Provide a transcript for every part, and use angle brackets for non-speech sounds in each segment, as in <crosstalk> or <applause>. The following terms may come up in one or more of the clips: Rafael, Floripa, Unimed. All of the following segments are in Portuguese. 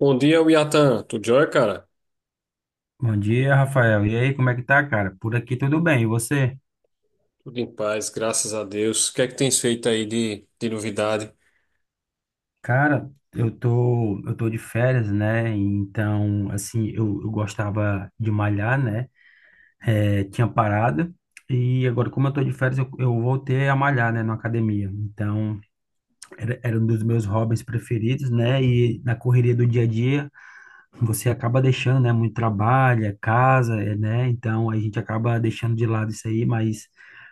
Bom dia, Yatan. Tudo jóia, cara? Bom dia, Rafael. E aí, como é que tá, cara? Por aqui tudo bem. E você? Tudo em paz, graças a Deus. O que é que tens feito aí de novidade? Cara, eu tô de férias, né? Então, assim, eu gostava de malhar, né? É, tinha parado. E agora, como eu tô de férias, eu voltei a malhar, né, na academia. Então, era um dos meus hobbies preferidos, né? E na correria do dia a dia, você acaba deixando, né? Muito trabalho, é casa, é, né? Então a gente acaba deixando de lado isso aí, mas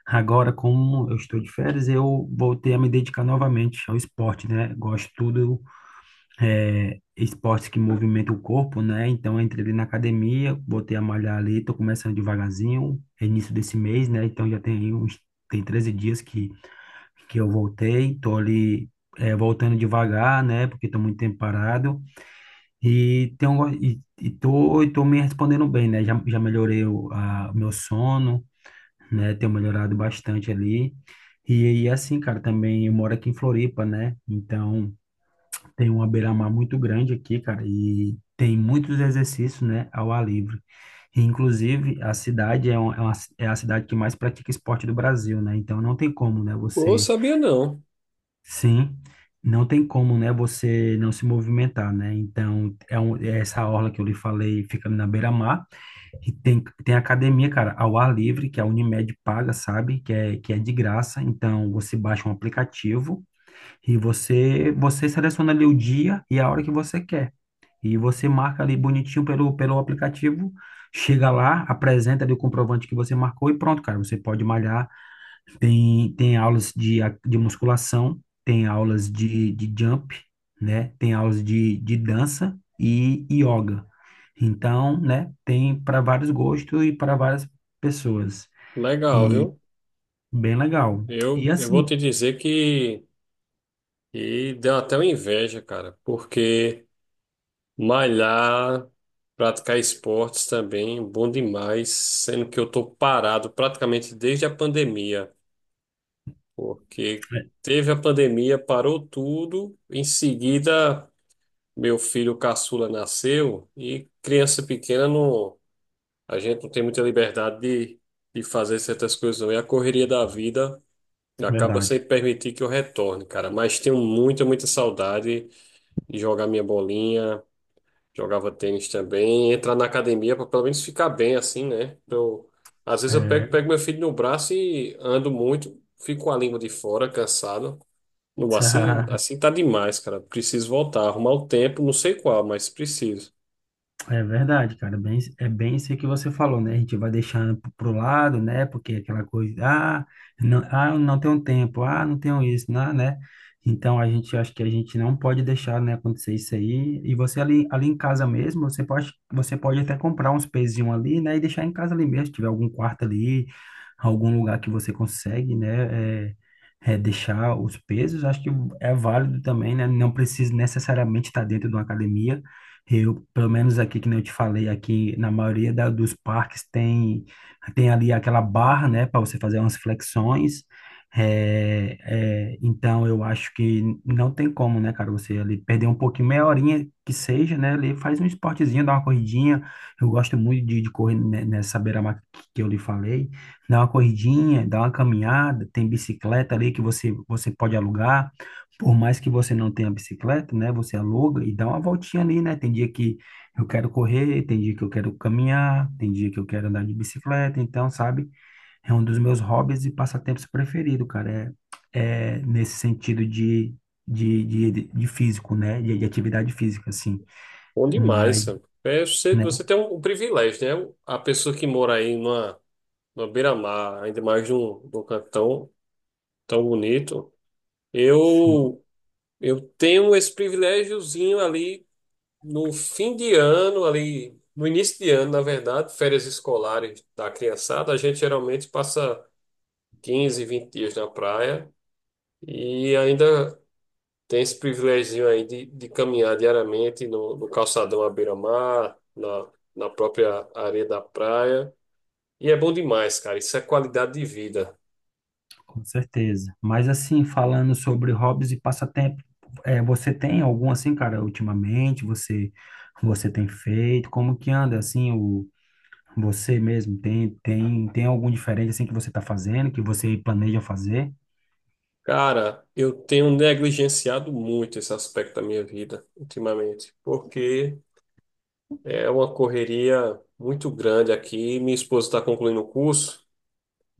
agora, como eu estou de férias, eu voltei a me dedicar novamente ao esporte, né? Gosto tudo, é, esportes que movimentam o corpo, né? Então eu entrei ali na academia, botei a malhar ali, tô começando devagarzinho, é início desse mês, né? Então tem 13 dias que eu voltei, tô ali. É, voltando devagar, né? Porque estou muito tempo parado, e, tem um, e tô me respondendo bem, né? Já melhorei o meu sono, né? Tenho melhorado bastante ali. E assim, cara, também eu moro aqui em Floripa, né? Então tem uma beira-mar muito grande aqui, cara, e tem muitos exercícios, né, ao ar livre. E, inclusive, a cidade é, uma, é, uma- é a cidade que mais pratica esporte do Brasil, né? Então não tem como, né, Pô, você. sabia não. Sim, não tem como, né, você não se movimentar, né? Então, é essa orla que eu lhe falei, fica ali na beira-mar, e tem academia, cara, ao ar livre, que a Unimed paga, sabe? Que é de graça, então você baixa um aplicativo e você seleciona ali o dia e a hora que você quer. E você marca ali bonitinho pelo aplicativo, chega lá, apresenta ali o comprovante que você marcou e pronto, cara, você pode malhar. Tem aulas de musculação, tem aulas de jump, né? Tem aulas de dança e yoga. Então, né? Tem para vários gostos e para várias pessoas. Legal, E viu? bem legal. E Eu vou assim, te dizer que deu até uma inveja, cara, porque malhar, praticar esportes também, bom demais, sendo que eu tô parado praticamente desde a pandemia, porque é, teve a pandemia, parou tudo, em seguida. Meu filho caçula nasceu e criança pequena não, a gente não tem muita liberdade de fazer certas coisas não. E a correria da vida acaba verdade. sem permitir que eu retorne, cara. Mas tenho muita, muita saudade de jogar minha bolinha, jogava tênis também, entrar na academia para pelo menos ficar bem assim, né? Eu, às vezes eu É. pego, pego meu filho no braço e ando muito, fico com a língua de fora, cansado. Não, assim, <laughs> assim tá demais, cara. Preciso voltar, arrumar o tempo, não sei qual, mas preciso. É verdade, cara. Bem, é bem isso que você falou, né? A gente vai deixando pro lado, né? Porque é aquela coisa, ah, não, ah, eu não tenho tempo, ah, não tenho isso, não, né? Então a gente acho que a gente não pode deixar, né, acontecer isso aí. E você ali, ali em casa mesmo, você pode até comprar uns pezinhos ali, né? E deixar em casa ali mesmo, se tiver algum quarto ali, algum lugar que você consegue, né? Deixar os pesos, acho que é válido também, né? Não precisa necessariamente estar dentro de uma academia. Eu, pelo menos aqui, que nem eu te falei, aqui na maioria dos parques tem, tem ali aquela barra, né, para você fazer umas flexões. É, então, eu acho que não tem como, né, cara, você ali perder um pouquinho, meia horinha que seja, né, ali faz um esportezinho, dá uma corridinha. Eu gosto muito de correr nessa beira-mar que eu lhe falei. Dá uma corridinha, dá uma caminhada, tem bicicleta ali que você pode alugar. Por mais que você não tenha bicicleta, né? Você aluga e dá uma voltinha ali, né? Tem dia que eu quero correr, tem dia que eu quero caminhar, tem dia que eu quero andar de bicicleta. Então, sabe? É um dos meus hobbies e passatempos preferido, cara. É, é nesse sentido de físico, né? De atividade física, assim. Bom demais, Mas, Sam. É, você, né? você tem um privilégio, né? A pessoa que mora aí numa beira-mar, ainda mais num canto tão bonito. Sim. Eu, eu tenho esse privilégiozinho ali no fim de ano, ali no início de ano, na verdade, férias escolares da criançada. A gente geralmente passa 15, 20 dias na praia e ainda tem esse privilegio aí de caminhar diariamente no calçadão à beira-mar, na própria areia da praia. E é bom demais, cara. Isso é qualidade de vida. Com certeza. Mas assim, falando sobre hobbies e passatempo, é, você tem algum assim, cara, ultimamente? Você tem feito? Como que anda assim o você mesmo tem algum diferente assim que você está fazendo, que você planeja fazer? Cara, eu tenho negligenciado muito esse aspecto da minha vida ultimamente, porque é uma correria muito grande aqui. Minha esposa está concluindo o curso,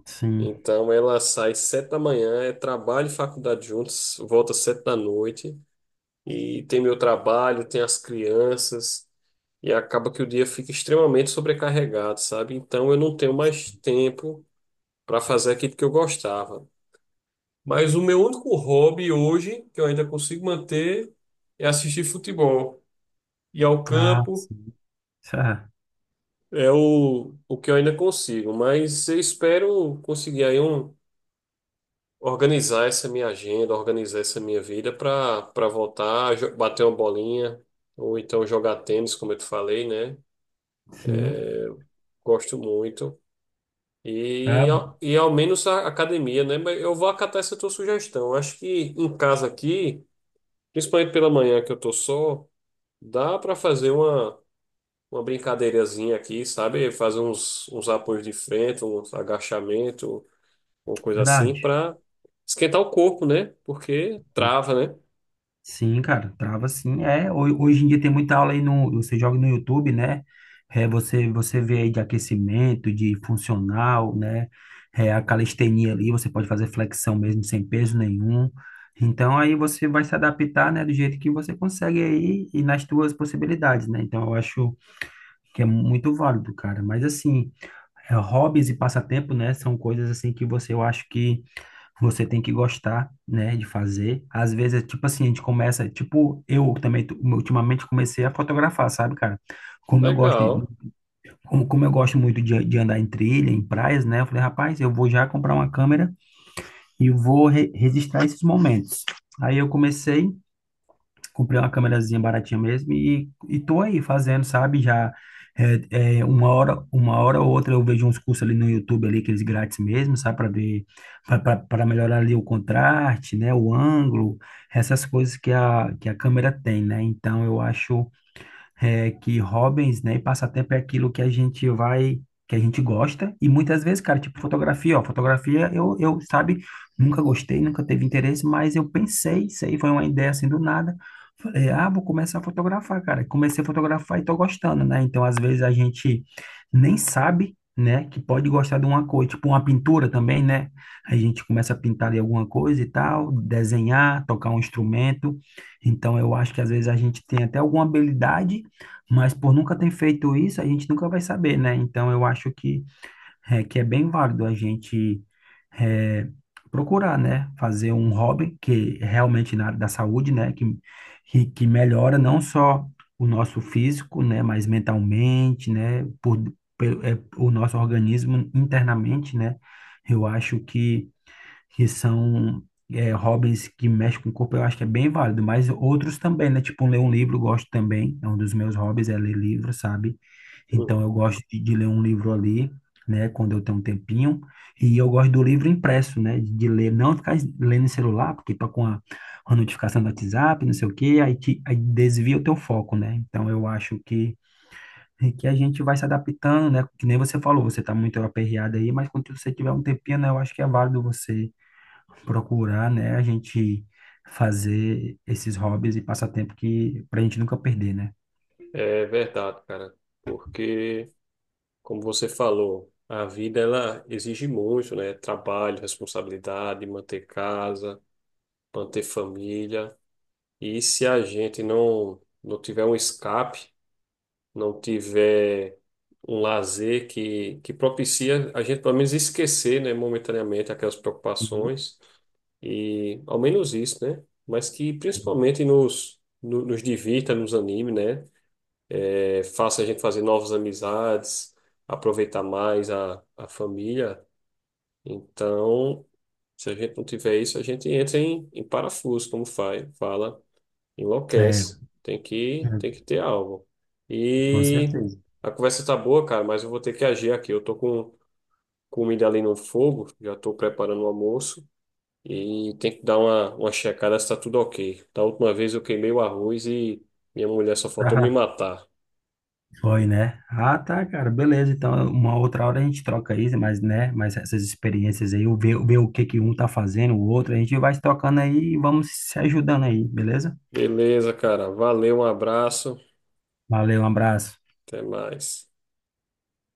Sim. então ela sai 7 da manhã, é trabalho e faculdade juntos, volta 7 da noite. E tem meu trabalho, tem as crianças, e acaba que o dia fica extremamente sobrecarregado, sabe? Então eu não tenho mais tempo para fazer aquilo que eu gostava. Mas o meu único hobby hoje, que eu ainda consigo manter, é assistir futebol. Ir ao Ah, campo sim. Ah, é o que eu ainda consigo, mas eu espero conseguir aí um. Organizar essa minha agenda, organizar essa minha vida para voltar, bater uma bolinha, ou então jogar tênis, como eu te falei, né? sim. Gosto muito. É E, e ao menos a academia, né? Mas eu vou acatar essa tua sugestão. Acho que em casa aqui, principalmente pela manhã que eu tô só, dá para fazer uma brincadeirazinha aqui, sabe? Fazer uns, uns apoios de frente, uns agachamento, uma coisa assim, verdade. para esquentar o corpo, né? Porque trava, né? Sim, cara, trava sim. É, hoje em dia tem muita aula aí no, você joga no YouTube, né? É, você vê aí de aquecimento, de funcional, né? É, a calistenia ali, você pode fazer flexão mesmo sem peso nenhum. Então aí você vai se adaptar, né, do jeito que você consegue aí e nas tuas possibilidades, né? Então eu acho que é muito válido, cara. Mas assim, é, hobbies e passatempo, né, são coisas assim que você eu acho que você tem que gostar, né, de fazer. Às vezes, é tipo assim, a gente começa, tipo, eu também ultimamente comecei a fotografar, sabe, cara? Como eu gosto, de- Legal. como eu gosto muito de andar em trilha, em praias, né? Eu falei, rapaz, eu vou já comprar uma câmera e vou registrar esses momentos. Aí eu comecei, comprei uma câmerazinha baratinha mesmo e tô aí fazendo, sabe? Já é, é, uma hora ou outra eu vejo uns cursos ali no YouTube ali, aqueles grátis mesmo, sabe? Para ver, para melhorar ali o contraste, né? O ângulo, essas coisas que a câmera tem, né? Então eu acho é, que hobbies, né, e passatempo é aquilo que a gente vai, que a gente gosta, e muitas vezes, cara, tipo fotografia, ó, fotografia sabe, nunca gostei, nunca teve interesse, mas eu pensei, isso aí foi uma ideia assim do nada, falei, ah, vou começar a fotografar, cara, comecei a fotografar e tô gostando, né, então às vezes a gente nem sabe, né, que pode gostar de uma coisa, tipo uma pintura também, né, a gente começa a pintar de alguma coisa e tal, desenhar, tocar um instrumento, então eu acho que às vezes a gente tem até alguma habilidade, mas por nunca ter feito isso, a gente nunca vai saber, né? Então eu acho que é bem válido a gente é, procurar, né? Fazer um hobby que realmente na área da saúde, né? Que melhora não só o nosso físico, né? Mas mentalmente, né? Por, é, o nosso organismo internamente, né? Eu acho que são é, hobbies que mexem com o corpo, eu acho que é bem válido, mas outros também, né? Tipo, ler um livro, eu gosto também, é um dos meus hobbies, é ler livro, sabe? Hum. Então, eu gosto de ler um livro ali, né, quando eu tenho um tempinho, e eu gosto do livro impresso, né, de ler, não ficar lendo em celular, porque tá com a notificação do WhatsApp, não sei o quê, aí, te, aí desvia o teu foco, né? Então, eu acho que a gente vai se adaptando, né? Que nem você falou, você tá muito aperreado aí, mas quando você tiver um tempinho, né, eu acho que é válido você procurar, né, a gente fazer esses hobbies e passatempo que pra gente nunca perder, né? É verdade, cara. Porque como você falou, a vida ela exige muito, né? Trabalho, responsabilidade, manter casa, manter família. E se a gente não tiver um escape, não tiver um lazer que propicia a gente pelo menos esquecer, né, momentaneamente aquelas Uhum. preocupações e ao menos isso, né? Mas que principalmente nos no- nos divirta, nos anime, né? É, faça a gente fazer novas amizades, aproveitar mais a família. Então, se a gente não tiver isso, a gente entra em parafuso, como faz, fala, É, enlouquece. Tem é, que, tem que ter algo. com E certeza. a conversa tá boa, cara, mas eu vou ter que agir aqui. Eu tô com comida ali no fogo, já tô preparando o almoço e tem que dar uma checada se tá tudo ok. Da última vez eu queimei o arroz e minha mulher só faltou me Ah, matar. foi, né? Ah, tá, cara, beleza. Então, uma outra hora a gente troca aí, mas, né, mas essas experiências aí, o ver, ver o que que um tá fazendo, o outro, a gente vai se trocando aí e vamos se ajudando aí, beleza? Beleza, cara. Valeu, um abraço. Valeu, um abraço. Até mais.